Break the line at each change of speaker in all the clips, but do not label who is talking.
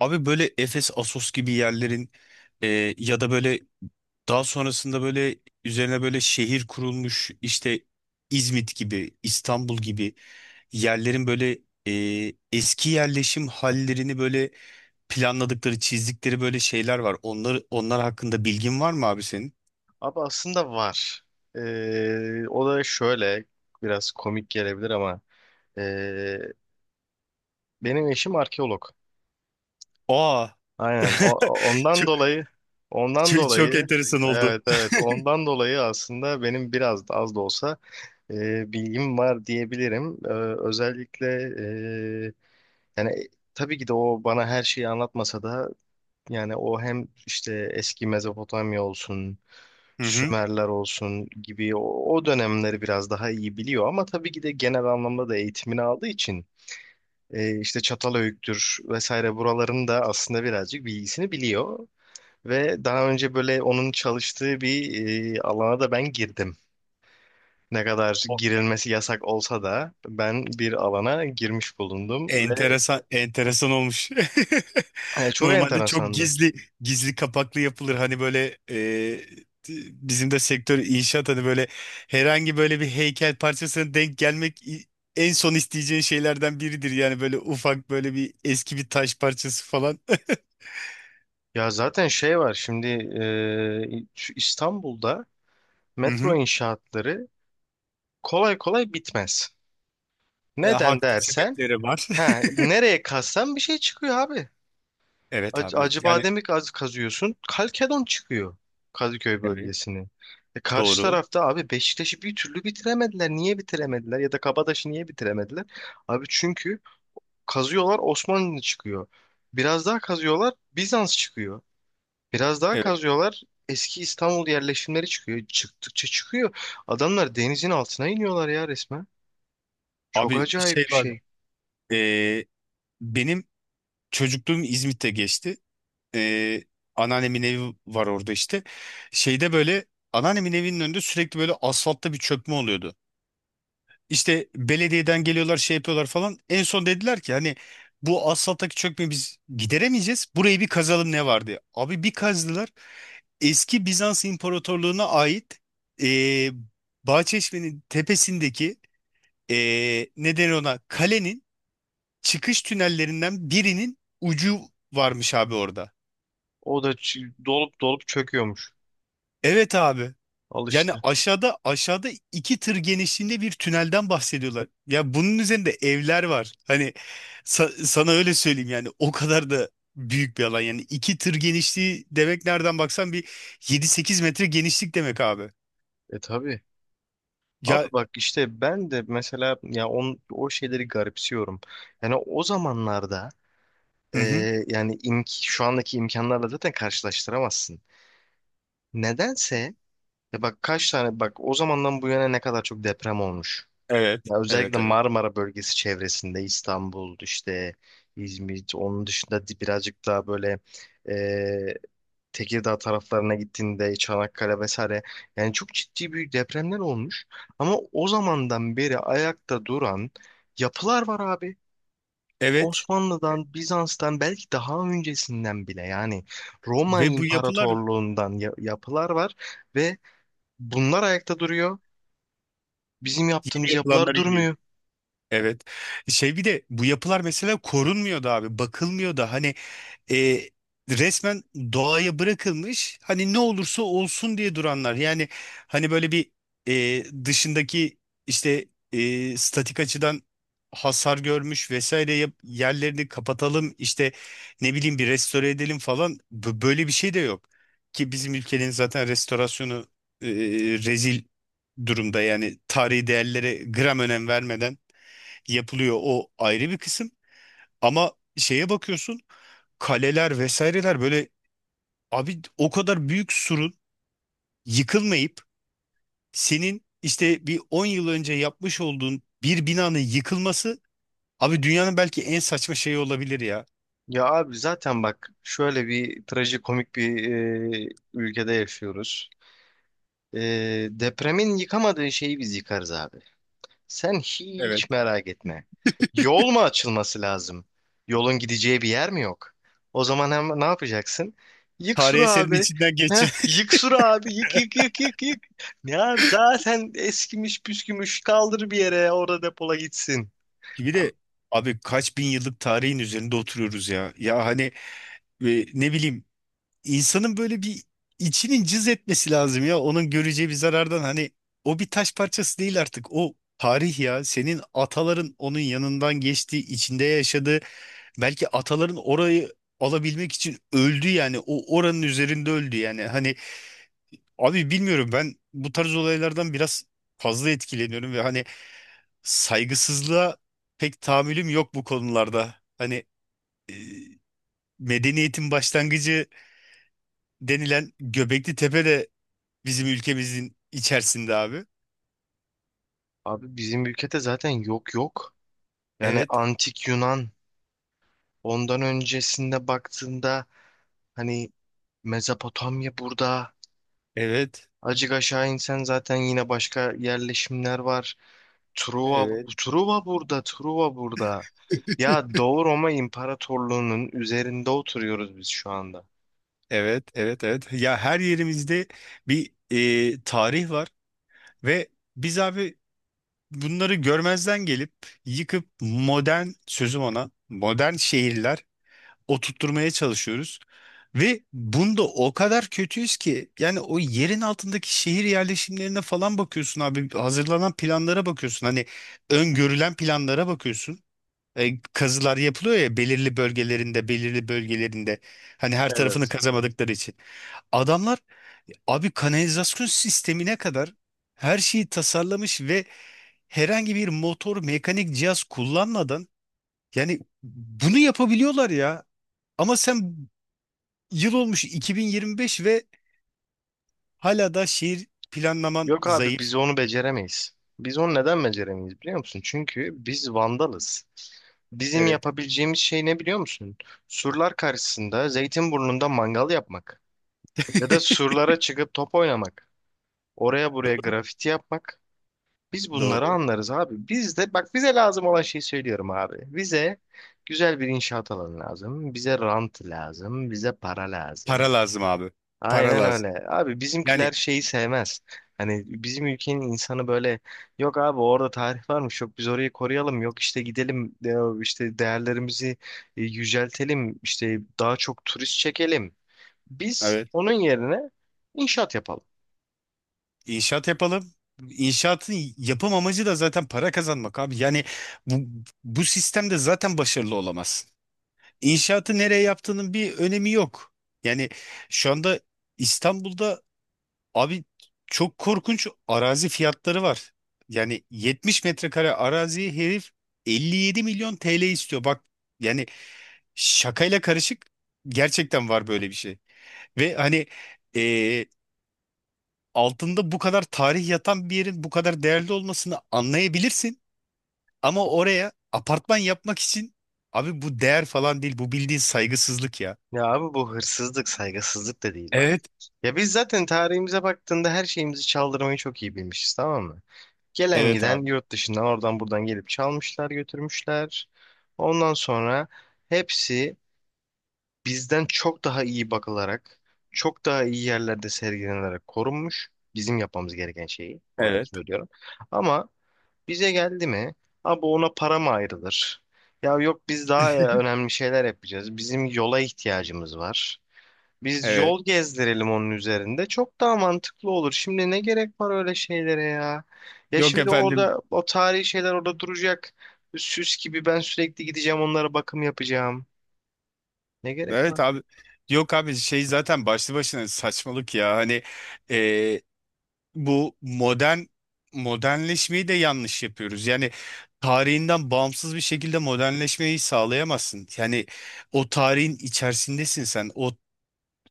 Abi, böyle Efes, Assos gibi yerlerin ya da böyle daha sonrasında böyle üzerine böyle şehir kurulmuş işte, İzmit gibi, İstanbul gibi yerlerin böyle eski yerleşim hallerini böyle planladıkları, çizdikleri böyle şeyler var. Onlar hakkında bilgin var mı abi senin?
Abi aslında var. O da şöyle biraz komik gelebilir ama ee, benim eşim arkeolog.
Aa,
Aynen. Ondan
çok,
dolayı ondan
çok, çok
dolayı
enteresan oldu.
evet, evet, ondan dolayı aslında benim biraz da az da olsa bilgim var diyebilirim. Özellikle ee, yani, tabii ki de o bana her şeyi anlatmasa da. Yani o hem işte eski Mezopotamya olsun,
Hı hı.
Sümerler olsun gibi o dönemleri biraz daha iyi biliyor ama tabii ki de genel anlamda da eğitimini aldığı için işte Çatalhöyük'tür vesaire, buraların da aslında birazcık bilgisini biliyor. Ve daha önce böyle onun çalıştığı bir alana da ben girdim. Ne kadar girilmesi yasak olsa da ben bir alana girmiş bulundum ve
Enteresan, enteresan olmuş.
çok
Normalde çok
enteresandı.
gizli kapaklı yapılır. Hani böyle, bizim de sektör inşaat, hani böyle herhangi böyle bir heykel parçasına denk gelmek en son isteyeceğin şeylerden biridir. Yani böyle ufak böyle bir eski bir taş parçası falan.
Ya zaten şey var şimdi, şu İstanbul'da
Hı
metro
hı.
inşaatları kolay kolay bitmez.
E,
Neden
haklı
dersen,
sebepleri var.
ha, nereye kazsan bir şey çıkıyor abi.
Evet abi. Yani
Acıbadem'i kazıyorsun, Kalkedon çıkıyor, Kadıköy
evet.
bölgesini. Karşı
Doğru.
tarafta abi Beşiktaş'ı bir türlü bitiremediler. Niye bitiremediler ya da Kabataş'ı niye bitiremediler? Abi çünkü kazıyorlar, Osmanlı çıkıyor. Biraz daha kazıyorlar, Bizans çıkıyor. Biraz daha
Evet.
kazıyorlar. Eski İstanbul yerleşimleri çıkıyor. Çıktıkça çıkıyor. Adamlar denizin altına iniyorlar ya, resmen. Çok
Abi şey
acayip bir
var.
şey.
e, benim çocukluğum İzmit'te geçti. e, anneannemin evi var orada işte. Şeyde böyle anneannemin evinin önünde sürekli böyle asfaltta bir çökme oluyordu. İşte belediyeden geliyorlar, şey yapıyorlar falan. En son dediler ki hani bu asfalttaki çökmeyi biz gideremeyeceğiz, burayı bir kazalım ne var diye. Abi bir kazdılar. Eski Bizans İmparatorluğu'na ait, e, Bahçeşme'nin tepesindeki, ne denir ona, kalenin çıkış tünellerinden birinin ucu varmış abi orada.
O da dolup dolup çöküyormuş.
Evet abi.
Al
Yani
işte.
aşağıda aşağıda iki tır genişliğinde bir tünelden bahsediyorlar. Ya bunun üzerinde evler var. Hani, sana öyle söyleyeyim, yani o kadar da büyük bir alan. Yani iki tır genişliği demek, nereden baksan bir 7-8 metre genişlik demek abi.
E tabii. Abi
Ya,
bak işte ben de mesela, ya o şeyleri garipsiyorum. Yani o zamanlarda,
hı
e,
hı.
yani şu andaki imkanlarla zaten karşılaştıramazsın. Nedense, ya bak, kaç tane bak o zamandan bu yana ne kadar çok deprem olmuş.
Evet,
Ya özellikle
evet, evet.
Marmara bölgesi çevresinde İstanbul, işte İzmir, onun dışında birazcık daha böyle e, Tekirdağ taraflarına gittiğinde, Çanakkale vesaire, yani çok ciddi büyük depremler olmuş. Ama o zamandan beri ayakta duran yapılar var abi.
Evet,
Osmanlı'dan, Bizans'tan, belki daha öncesinden bile yani Roma
ve bu yapılar
İmparatorluğu'ndan yapılar var ve bunlar ayakta duruyor. Bizim
yeni
yaptığımız yapılar
yapılanlara iniyor.
durmuyor.
Evet. Şey, bir de bu yapılar mesela korunmuyor da abi, bakılmıyor da. Hani, e, resmen doğaya bırakılmış, hani ne olursa olsun diye duranlar. Yani, hani böyle bir dışındaki, işte statik açıdan hasar görmüş vesaire, yerlerini kapatalım, işte ne bileyim, bir restore edelim falan, böyle bir şey de yok. Ki bizim ülkenin zaten restorasyonu e, rezil durumda, yani tarihi değerlere gram önem vermeden yapılıyor, o ayrı bir kısım. Ama şeye bakıyorsun, kaleler vesaireler, böyle abi o kadar büyük surun yıkılmayıp senin işte bir 10 yıl önce yapmış olduğun bir binanın yıkılması, abi dünyanın belki en saçma şeyi olabilir ya.
Ya abi, zaten bak, şöyle bir trajikomik bir ülkede yaşıyoruz. E, Depremin yıkamadığı şeyi biz yıkarız abi. Sen hiç
Evet.
merak etme. Yol mu açılması lazım? Yolun gideceği bir yer mi yok? O zaman hem ne yapacaksın? Yık
Tarih
suru
eserinin
abi.
içinden geçen.
Heh, yık suru abi. Yık yık yık yık yık. Ya zaten eskimiş püskümüş, kaldır bir yere, orada depola, gitsin.
Bir de abi kaç bin yıllık tarihin üzerinde oturuyoruz ya. Ya hani, ne bileyim, İnsanın böyle bir içinin cız etmesi lazım ya. Onun göreceği bir zarardan, hani o bir taş parçası değil artık. O tarih ya. Senin ataların onun yanından geçti, içinde yaşadı. Belki ataların orayı alabilmek için öldü yani. O, oranın üzerinde öldü yani. Hani abi, bilmiyorum, ben bu tarz olaylardan biraz fazla etkileniyorum ve hani saygısızlığa pek tahammülüm yok bu konularda. Hani medeniyetin başlangıcı denilen Göbekli Tepe bizim ülkemizin içerisinde abi.
Abi, bizim ülkede zaten yok yok. Yani
Evet.
antik Yunan, ondan öncesinde baktığında hani Mezopotamya burada.
Evet.
Acık aşağı insen zaten yine başka yerleşimler var. Truva,
Evet.
Truva burada, Truva burada. Ya, Doğu Roma İmparatorluğu'nun üzerinde oturuyoruz biz şu anda.
Evet, evet, evet. Ya her yerimizde bir tarih var ve biz abi bunları görmezden gelip yıkıp modern, sözüm ona modern şehirler oturtturmaya çalışıyoruz. Ve bunda o kadar kötüyüz ki, yani o yerin altındaki şehir yerleşimlerine falan bakıyorsun abi, hazırlanan planlara bakıyorsun, hani öngörülen planlara bakıyorsun. Kazılar yapılıyor ya, belirli bölgelerinde belirli bölgelerinde, hani her tarafını
Evet.
kazamadıkları için. Adamlar abi kanalizasyon sistemine kadar her şeyi tasarlamış ve herhangi bir motor, mekanik cihaz kullanmadan, yani bunu yapabiliyorlar ya. Ama sen, yıl olmuş 2025 ve hala da şehir planlaman
Yok abi,
zayıf.
biz onu beceremeyiz. Biz onu neden beceremeyiz biliyor musun? Çünkü biz vandalız. Bizim
Evet.
yapabileceğimiz şey ne biliyor musun? Surlar karşısında Zeytinburnu'nda mangal yapmak. Ya da surlara çıkıp top oynamak. Oraya buraya
Doğru.
grafiti yapmak. Biz bunları
Doğru.
anlarız abi. Biz de bak, bize lazım olan şeyi söylüyorum abi. Bize güzel bir inşaat alanı lazım. Bize rant lazım. Bize para lazım.
Para lazım abi. Para
Aynen
lazım.
öyle. Abi
Yani
bizimkiler şeyi sevmez. Hani bizim ülkenin insanı böyle, yok abi orada tarih varmış, yok biz orayı koruyalım, yok işte gidelim işte değerlerimizi yüceltelim, işte daha çok turist çekelim. Biz
evet.
onun yerine inşaat yapalım.
İnşaat yapalım. İnşaatın yapım amacı da zaten para kazanmak abi. Yani bu sistemde zaten başarılı olamazsın. İnşaatı nereye yaptığının bir önemi yok. Yani şu anda İstanbul'da abi çok korkunç arazi fiyatları var. Yani 70 metrekare araziyi herif 57 milyon TL istiyor. Bak, yani şakayla karışık gerçekten var böyle bir şey. Ve hani, altında bu kadar tarih yatan bir yerin bu kadar değerli olmasını anlayabilirsin. Ama oraya apartman yapmak için, abi bu değer falan değil. Bu bildiğin saygısızlık ya.
Ya abi, bu hırsızlık, saygısızlık da değil bak.
Evet.
Ya biz zaten tarihimize baktığında her şeyimizi çaldırmayı çok iyi bilmişiz, tamam mı? Gelen
Evet
giden
abi.
yurt dışından, oradan buradan gelip çalmışlar, götürmüşler. Ondan sonra hepsi bizden çok daha iyi bakılarak, çok daha iyi yerlerde sergilenerek korunmuş. Bizim yapmamız gereken şeyi bu arada
Evet.
söylüyorum. Ama bize geldi mi, abi ona para mı ayrılır? Ya yok, biz daha önemli şeyler yapacağız. Bizim yola ihtiyacımız var. Biz
Evet.
yol gezdirelim onun üzerinde. Çok daha mantıklı olur. Şimdi ne gerek var öyle şeylere ya? Ya
Yok
şimdi
efendim.
orada o tarihi şeyler orada duracak. Süs gibi ben sürekli gideceğim onlara bakım yapacağım. Ne gerek
Evet
var?
abi. Yok abi, şey zaten başlı başına saçmalık ya. Hani, e, bu modernleşmeyi de yanlış yapıyoruz. Yani tarihinden bağımsız bir şekilde modernleşmeyi sağlayamazsın. Yani o tarihin içerisindesin sen. O,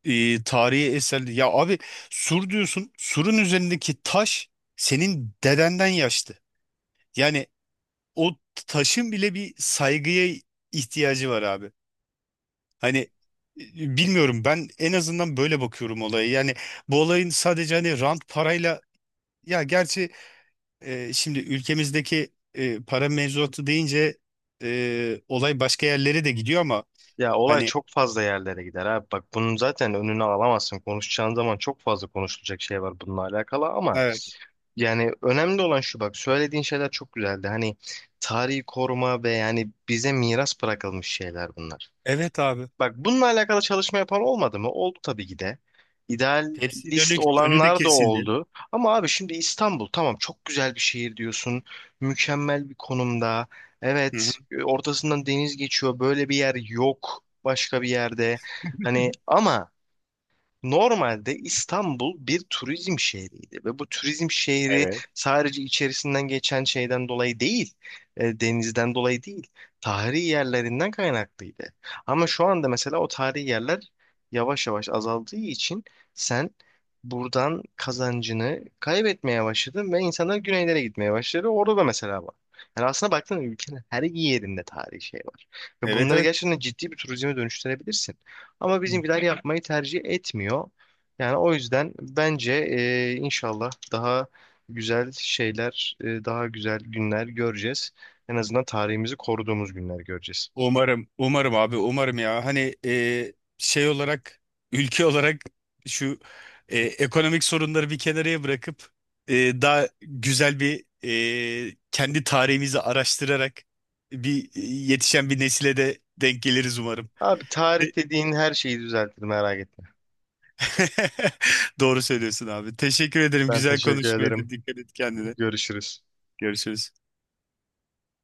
tarihi eserli. Ya abi, sur diyorsun. Surun üzerindeki taş senin dedenden yaşlı. Yani o taşın bile bir saygıya ihtiyacı var abi. Hani, bilmiyorum, ben en azından böyle bakıyorum olaya. Yani bu olayın sadece hani rant, parayla, ya gerçi şimdi ülkemizdeki para mevzuatı deyince, olay başka yerlere de gidiyor ama,
Ya olay
hani,
çok fazla yerlere gider abi. Bak, bunun zaten önünü alamazsın. Konuşacağın zaman çok fazla konuşulacak şey var bununla alakalı, ama
evet.
yani önemli olan şu: bak, söylediğin şeyler çok güzeldi. Hani tarihi koruma ve yani bize miras bırakılmış şeyler bunlar.
Evet abi.
Bak bununla alakalı çalışma yapan olmadı mı? Oldu tabii ki de.
Hepsinin
İdealist
önü de
olanlar da
kesildi.
oldu. Ama abi, şimdi İstanbul tamam, çok güzel bir şehir diyorsun. Mükemmel bir konumda.
Hı hı.
Evet, ortasından deniz geçiyor. Böyle bir yer yok başka bir yerde. Hani ama normalde İstanbul bir turizm şehriydi ve bu turizm şehri
Evet.
sadece içerisinden geçen şeyden dolayı değil, denizden dolayı değil, tarihi yerlerinden kaynaklıydı. Ama şu anda mesela o tarihi yerler yavaş yavaş azaldığı için sen buradan kazancını kaybetmeye başladın ve insanlar güneylere gitmeye başladı. Orada da mesela var. Yani aslında baktığında ülkenin her yerinde tarihi şey var. Ve
Evet,
bunları
evet.
gerçekten ciddi bir turizme dönüştürebilirsin. Ama bizimkiler yapmayı tercih etmiyor. Yani o yüzden bence, inşallah daha güzel şeyler, daha güzel günler göreceğiz. En azından tarihimizi koruduğumuz günler göreceğiz.
Umarım, umarım abi, umarım ya. Hani, şey olarak, ülke olarak, şu ekonomik sorunları bir kenara bırakıp, daha güzel bir, kendi tarihimizi araştırarak bir, yetişen bir nesile de denk geliriz umarım.
Abi tarih
E-
dediğin her şeyi düzeltir, merak etme.
Doğru söylüyorsun abi. Teşekkür ederim.
Ben
Güzel
teşekkür ederim.
konuşmaydı. Dikkat et kendine.
Görüşürüz.
Görüşürüz.